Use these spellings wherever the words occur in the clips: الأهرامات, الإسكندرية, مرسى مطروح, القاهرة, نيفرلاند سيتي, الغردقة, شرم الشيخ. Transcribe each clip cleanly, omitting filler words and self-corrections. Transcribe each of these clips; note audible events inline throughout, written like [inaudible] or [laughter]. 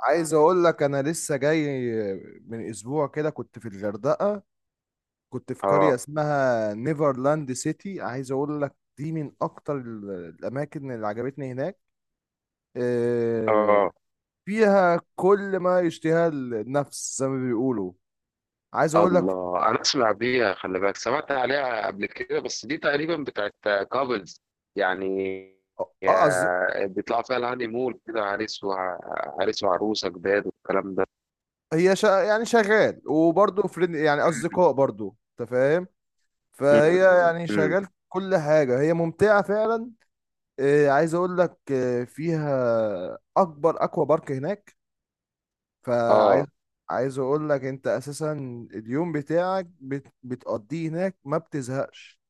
عايز اقول لك انا لسه جاي من اسبوع كده، كنت في الغردقه. كنت في اه قريه اسمها نيفرلاند سيتي. عايز اقول لك دي من اكتر الاماكن اللي عجبتني هناك. آه، اه فيها كل ما يشتهى النفس زي ما بيقولوا. عايز اقول لك الله انا اسمع بيها. خلي بالك، سمعت عليها قبل كده، بس دي تقريبا بتاعت كابلز يعني. اه آه، قصدي- بيطلعوا فيها الهاني مول كده عريس وعريس وعروسه جداد والكلام ده. هي شا يعني شغال، وبرضه فريند، يعني مم. اصدقاء، برضه انت فاهم. مم. فهي يعني مم. شغال، كل حاجه هي ممتعه فعلا. عايز اقول لك فيها اكبر اكوا بارك هناك. اه فعايز عايز اقول لك انت اساسا اليوم بتاعك بتقضيه هناك ما بتزهقش.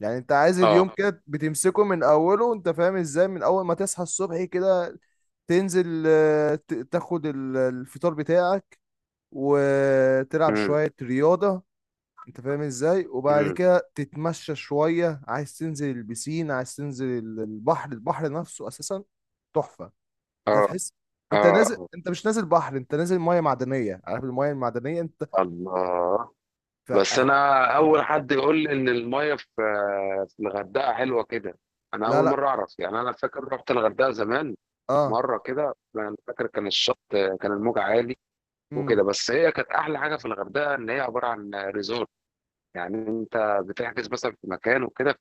يعني انت عايز اه اليوم كده بتمسكه من اوله، انت فاهم ازاي، من اول ما تصحى الصبح كده تنزل، تاخد الفطار بتاعك، وتلعب مم. شوية رياضة. انت فاهم ازاي، وبعد مم. كده تتمشى شوية، عايز تنزل البسين، عايز تنزل البحر. البحر نفسه اساسا تحفة. انت اه هتحس انت نازل، اه انت مش نازل بحر، انت نازل مية معدنية. عارف المية المعدنية، انت الله، ف... بس آه. انا اول حد يقول لي ان الميه في الغردقه حلوه كده. انا لا اول لا. مره اعرف، يعني انا فاكر رحت الغردقه زمان اه. مره كده، انا فاكر كان الشط كان الموج عالي امم. وكده. بس هي كانت احلى حاجه في الغردقه ان هي عباره عن ريزورت، يعني انت بتحجز مثلا في مكان وكده،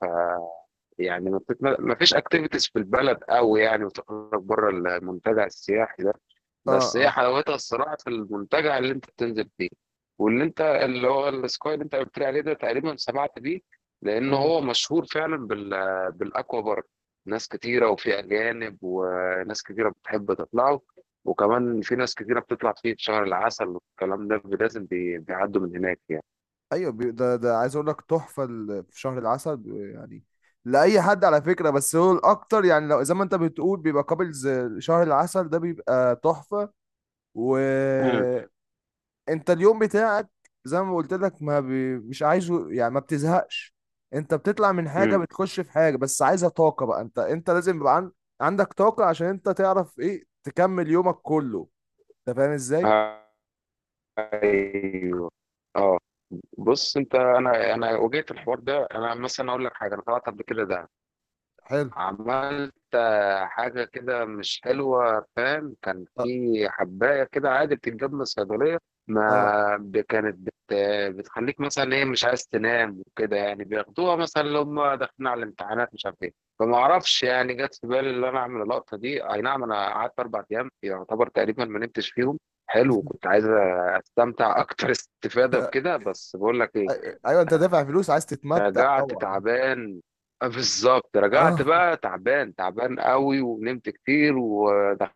يعني ما فيش اكتيفيتيز في البلد قوي يعني، وتخرج بره المنتجع السياحي ده. اه. بس هي اه. حلاوتها الصراحه في المنتجع اللي انت بتنزل فيه، واللي انت اللي هو السكاي اللي انت قلت لي عليه ده، تقريبا سمعت بيه، لان امم. هو مشهور فعلا بالاكوا بارك. ناس كتيره، وفي اجانب، وناس كتيره بتحب تطلعه، وكمان في ناس كتيره بتطلع فيه في شهر العسل والكلام ده، لازم بيعدوا من هناك يعني. ايوه. ده عايز اقول لك تحفة. في شهر العسل، يعني لأي حد على فكرة، بس هو الأكتر يعني لو زي ما أنت بتقول بيبقى كابلز. شهر العسل ده بيبقى تحفة. و امم، انت اليوم بتاعك زي ما قلت لك، ما بي... مش عايزه، يعني ما بتزهقش. انت بتطلع من حاجة امم، بتخش في حاجة، بس عايزة طاقة بقى. انت لازم يبقى عندك طاقة عشان انت تعرف ايه تكمل يومك كله. انت فاهم ازاي. ايوه، اه. بص انت، انا واجهت الحوار ده. انا مثلا اقول لك حاجه، انا طلعت قبل كده ده، حلو. عملت حاجه كده مش حلوه، فاهم؟ كان في اه. حبايه كده عادي بتتجاب من الصيدليه. آه. ما ب- كانت بت بتخليك مثلا ايه، مش عايز تنام وكده، يعني بياخدوها مثلا لو هم داخلين على الامتحانات، مش عارف ايه. فما اعرفش، يعني جت في بالي ان انا اعمل اللقطه دي. اي نعم، انا قعدت اربع ايام يعتبر تقريبا ما نمتش فيهم. حلو، كنت [laughs] عايز استمتع اكتر [laughs] استفاده بكده، بس بقول لك ايه، ايوه، انت دافع فلوس عايز تتمتع رجعت طبعا. تعبان. بالظبط، رجعت اه، بقى تعبان تعبان قوي، ونمت كتير، ودخلت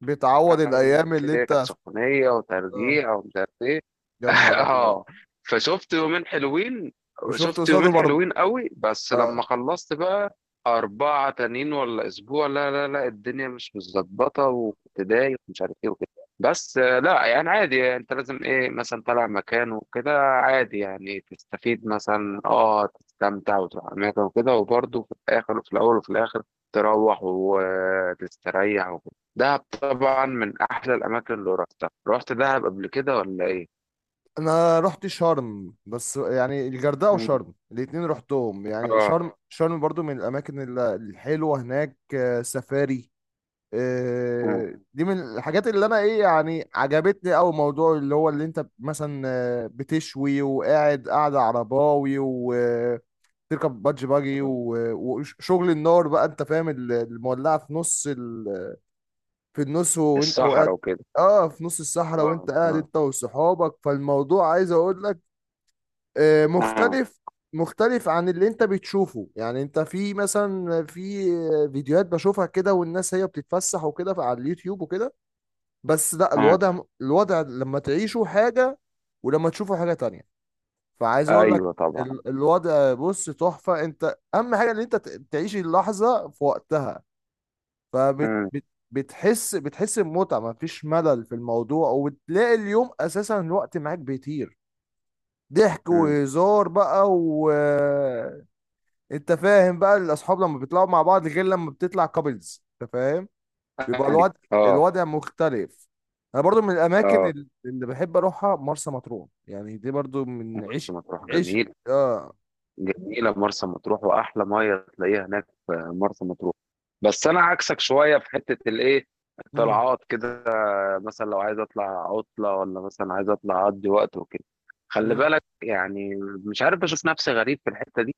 بتعوض الايام اللي كده، كانت انت. سخونية اه. وترجيع ومش عارف ايه. يا نهار ابيض. اه، فشفت يومين حلوين. وشفت شفت قصاده يومين برضه. حلوين قوي، بس اه. لما خلصت بقى أربعة تانيين ولا أسبوع، لا لا لا، الدنيا مش متظبطة، وكنت دايخ ومش عارف إيه وكده. بس لا يعني عادي، يعني أنت لازم إيه، مثلا طالع مكان وكده عادي، يعني تستفيد، مثلا أه تستمتع وتروح أماكن وكده، وبرضه في الآخر وفي الأول وفي الآخر تروح وتستريح وكده. دهب طبعا من أحلى الأماكن اللي رحتها. رحت دهب قبل كده ولا إيه؟ انا رحت شرم، بس يعني الغردقه وشرم الاتنين رحتهم. يعني آه، شرم برضو من الاماكن الحلوه هناك. سفاري، آه، دي من الحاجات اللي انا ايه، يعني عجبتني. او موضوع اللي هو اللي انت مثلا بتشوي، وقاعد، قاعده عرباوي، وتركب بادج باجي، آه. وشغل النار بقى، انت فاهم المولعه في نص في النص، وانت الصحرا وقاعد. وكده. اه، في نص الصحراء آه، وانت قاعد آه، انت وصحابك. فالموضوع عايز اقول لك آه، مختلف، مختلف عن اللي انت بتشوفه. يعني انت في مثلا فيديوهات بشوفها كده، والناس هي بتتفسح وكده على اليوتيوب وكده. بس لا، آه. الوضع لما تعيشه حاجة، ولما تشوفه حاجة تانية. فعايز اقول لك أيوه طبعًا. الوضع بص تحفة. انت اهم حاجة ان انت تعيش اللحظة في وقتها. فبت إمم، بت بتحس بمتعة، مفيش ملل في الموضوع. وبتلاقي اليوم اساسا الوقت معاك بيطير، ضحك إمم. وهزار بقى انت فاهم بقى الاصحاب لما بيطلعوا مع بعض غير لما بتطلع كابلز، انت فاهم. بيبقى أيوه. آه، الوضع مختلف. انا برضو من الاماكن آه. اللي بحب اروحها مرسى مطروح، يعني دي برضو من مرسى عشق، مطروح عشق. جميلة. اه. جميلة مرسى مطروح، وأحلى مية تلاقيها هناك في مرسى مطروح. بس أنا عكسك شوية في حتة الإيه، امم. الطلعات كده، مثلا لو عايز أطلع عطلة، ولا مثلا عايز أطلع أقضي وقت وكده، خلي امم. بالك يعني، مش عارف، بشوف نفسي غريب في الحتة دي.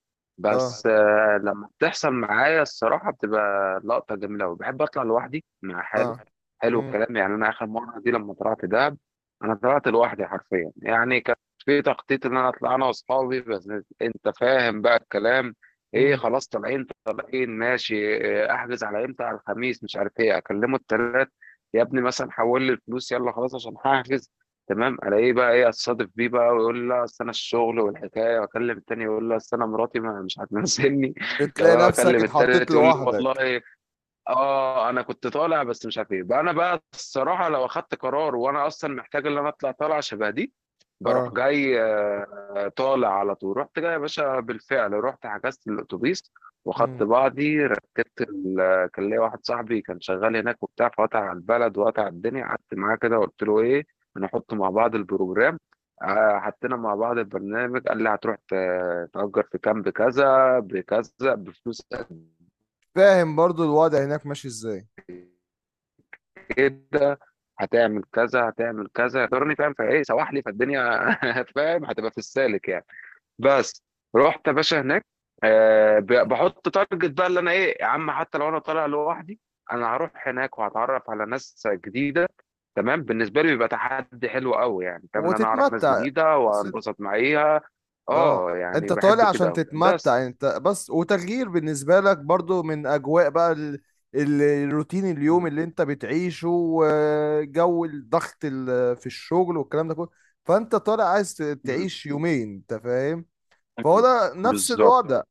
اه. بس لما بتحصل معايا الصراحة بتبقى لقطة جميلة أوي، بحب أطلع لوحدي مع حالي. اه. حلو امم. الكلام، يعني أنا آخر مرة دي لما طلعت دهب، أنا طلعت لوحدي حرفيا. يعني كان في تخطيط إن أنا أطلع أنا وأصحابي، بس أنت فاهم بقى الكلام إيه. امم. خلاص طالعين طالعين ماشي، إيه، أحجز على إمتى، على الخميس، مش عارف إيه، أكلمه التلات يا ابني، مثلا حول لي الفلوس، يلا خلاص عشان هحجز. تمام، ألاقيه بقى إيه، أتصادف بيه بقى ويقول لي لا أصل أنا الشغل والحكاية، وأكلم التاني يقول لي أصل أنا مراتي ما مش هتنزلني، [laughs] تمام بتلاقي نفسك أكلم اتحطيت التالت يقول لي لوحدك. والله، أنا كنت طالع، بس مش عارف بقى. أنا بقى الصراحة لو أخدت قرار، وأنا أصلًا محتاج إن أنا أطلع طلعة شبه دي، باروح اه. جاي، طالع على طول. رُحت جاي يا باشا بالفعل، رُحت حجزت الأتوبيس، وأخدت امم. بعضي، ركبت ال آه، كان ليّا واحد صاحبي كان شغال هناك وبتاع، فقطع على البلد وقطع على الدنيا. قعدت معاه كده وقُلت له إيه، هنحط مع بعض البروجرام. حطينا مع بعض البرنامج، قال لي هتروح تأجر في كامب كذا، بكذا، بفلوس فاهم برضو الوضع هناك ماشي ازاي. كده، هتعمل كذا، هتعمل كذا، اعذرني فاهم، فإيه سوح لي فالدنيا [laughs] فاهم، هتبقى في السالك يعني. بس، رُحت يا باشا هناك، ب باحط target بقى، اللي أنا إيه، يا عم حتى لو أنا طالع لوحدي، أنا هاروح هناك وهاتعرّف على ناس جديدة. تمام، بالنسبة لي بيبقى تحدي حلو أوي يعني، فاهم، إن أنا أعرف ناس وتتمتع. جديدة وأنبسط معاها. اه، يعني انت باحب طالع كده عشان أوي، بس. تتمتع انت بس، وتغيير بالنسبة لك برضو من اجواء بقى الروتين اليوم إمم، اللي انت بتعيشه، وجو الضغط في الشغل والكلام ده كله. فانت طالع عايز إمم، تعيش يومين، انت فاهم. فهو إمم، ده نفس بالضبط، الوضع.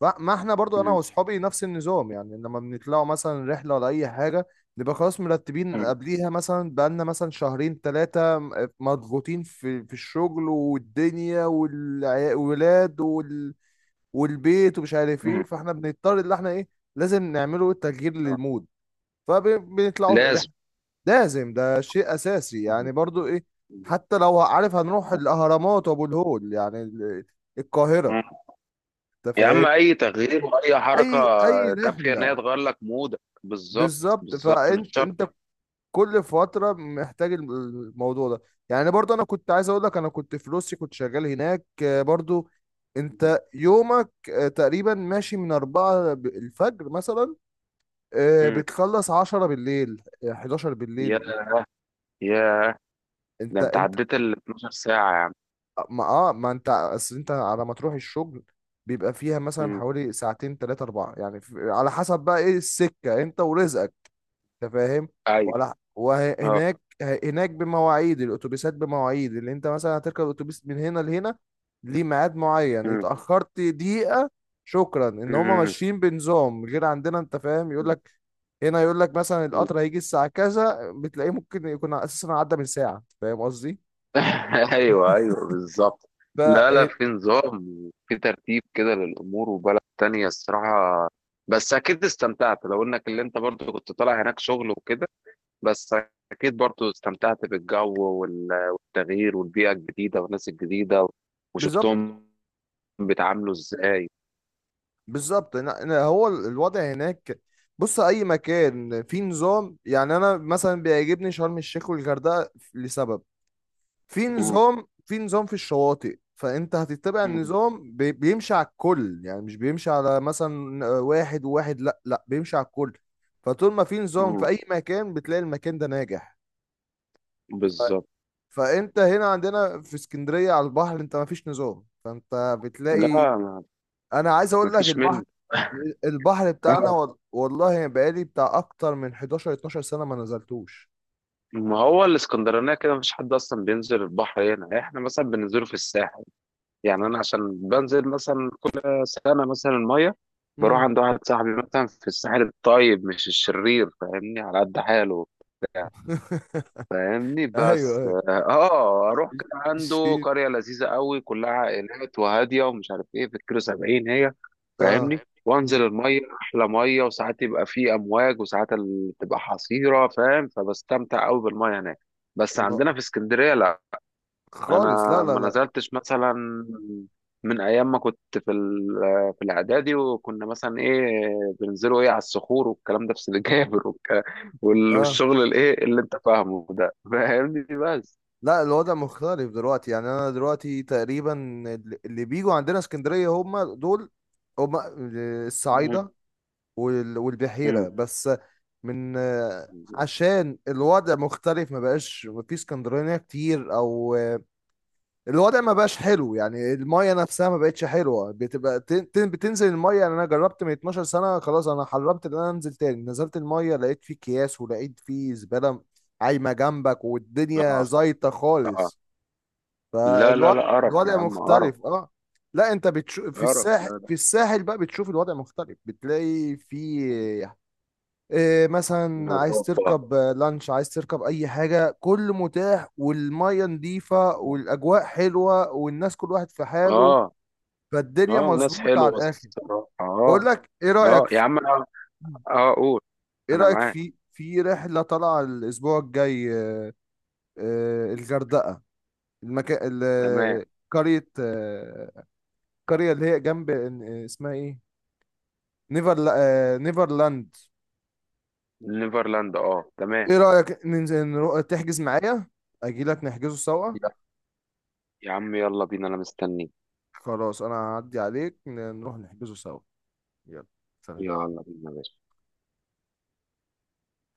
ما احنا برضو انا إمم، واصحابي نفس النظام. يعني لما بنطلعوا مثلا رحله ولا اي حاجه، نبقى خلاص مرتبين إمم، قبليها مثلا بقالنا مثلا شهرين ثلاثه. مضغوطين في الشغل والدنيا والولاد والبيت، ومش عارف ايه. إمم، فاحنا بنضطر اللي احنا ايه، لازم نعمله تغيير آه، للمود. فبنطلعوا رحله، لازم، لازم. ده شيء اساسي، إمم، يعني برضو ايه. إمم، حتى لو عارف هنروح الاهرامات وابو الهول، يعني القاهره، إمم. انت يا عم فاهم. اي تغيير واي اي حركه اي كافيه ان رحله. هي تغير لك مودك، بالظبط. بالظبط. بالظبط مش فانت شرط. انت كل فتره محتاج الموضوع ده. يعني برضو انا كنت عايز اقول لك، انا كنت في روسيا كنت شغال هناك. برضو انت يومك تقريبا ماشي من 4 الفجر مثلا، مم. بتخلص 10 بالليل، 11 يا بالليل. يا ده انت انت انت عديت ال 12 ساعه يا عم. ما اه ما انت اصل انت على ما تروح الشغل بيبقى فيها مثلا مم. حوالي ساعتين تلاتة أربعة، يعني على حسب بقى ايه السكة انت ورزقك. انت فاهم. ايوه، ولا اه. وهناك، هناك بمواعيد الاتوبيسات، بمواعيد اللي انت مثلا هتركب اتوبيس من هنا لهنا، ليه ميعاد معين. مم. اتاخرت دقيقه، شكرا. ان هما مم. ماشيين بنظام غير عندنا، انت فاهم. يقول لك هنا، يقول لك مثلا مم. القطر هيجي الساعه كذا، بتلاقيه ممكن يكون اساسا عدى من ساعه. أنت فاهم قصدي. [laughs] ايوه ايوه بالظبط. ف. لا لا، في نظام وفي ترتيب كده للامور، وبلد تانية الصراحه. بس اكيد استمتعت، لو انك اللي انت برضو كنت طالع هناك شغل وكده، بس أكيد برضو استمتعت بالجو والتغيير والبيئة الجديدة والناس الجديدة، بالظبط. وشفتهم بيتعاملوا إزاي. بالظبط إن هو الوضع هناك. بص، اي مكان فيه نظام. يعني انا مثلا بيعجبني شرم الشيخ والغردقه لسبب، إمم، في نظام في الشواطئ. فانت هتتبع إمم، النظام، بيمشي على الكل، يعني مش بيمشي على مثلا واحد وواحد، لا لا، بيمشي على الكل. فطول ما في نظام في إمم، اي مكان، بتلاقي المكان ده ناجح. بالضبط. فانت هنا عندنا في اسكندرية على البحر، انت ما فيش نظام، فانت لأ، بتلاقي. انا عايز ما اقول لك فيش منه. البحر بتاعنا آه، والله بقالي بتاع اكتر من 11 12 سنة ما نزلتوش. ما هو الإسكندرانية كده ما فيش حد أصلًا بينزل البحر هنا، إحنا مثلًا بننزله في الساحل. يعني أنا عشان بانزل مثلًا كل سنة مثلًا المَيّة، باروح امم. عند واحد صاحبي مثلًا في الساحل الطيب مش الشرير، فاهمني، على قد حاله وبتاع. [laughs] فاهمني، ايوه، بس ايوه اه اروح. كان عنده الشيء. قريه لذيذه قوي كلها عائلات وهاديه ومش عارف ايه، في الكيلو 70 هي، اه. فاهمني، وانزل الميه، احلى ميه، وساعات يبقى في امواج وساعات تبقى حصيره، فاهم، فبستمتع قوي بالميه هناك. بس مم. عندنا في اسكندريه لا. خالص، انا لا لا ما لا. نزلتش مثلا من ايام ما كنت في الاعدادي، وكنا مثلا ايه بننزلوا ايه على الصخور والكلام ده في سيدي جابر اه، والشغل الايه اللي انت فاهمه ده، فاهمني؟ بس، لا الوضع مختلف دلوقتي. يعني انا دلوقتي تقريبا، اللي بيجوا عندنا اسكندرية هم دول، هم مم. الصعايدة مم. والبحيرة بس. من عشان الوضع مختلف، ما بقاش ما في اسكندرانية كتير، او الوضع ما بقاش حلو. يعني المايه نفسها ما بقتش حلوه، بتبقى بتنزل المايه. يعني انا جربت من 12 سنه، خلاص انا حرمت ان انا انزل تاني. نزلت المايه لقيت فيه اكياس، ولقيت فيه زباله عايمه جنبك، اه، والدنيا زايطه اه. خالص. لا لا فالوضع، لا، قرف يا الوضع عم، قرف. مختلف. اه، لا انت بتشوف قرف، لا لا. في الساحل بقى بتشوف الوضع مختلف، بتلاقي فيه إيه، مثلا عايز نظافة، تركب لانش، عايز تركب اي حاجه، كله متاح، والميه نظيفه، والاجواء حلوه، والناس كل واحد في حاله. اه. فالدنيا اه، ناس مظبوطه على حلوة الاخر. الصراحة، اه. بقول لك ايه اه رايك يا في، عم، اه. اه قول. ايه انا رايك معاك. في في رحله طالعه الاسبوع الجاي. الغردقه، المكان تمام. قريه، قريه اللي هي جنب، اسمها ايه، نيفر، نيفرلاند. نيفرلاند، اه، تمام. ايه رايك ننزل، تحجز معايا، اجي لك نحجزه سوا. يا عم يلا بينا، انا مستنيك. خلاص انا هعدي عليك، نروح نحجزه سوا. يلا. سلام. يلا بينا يا باشا.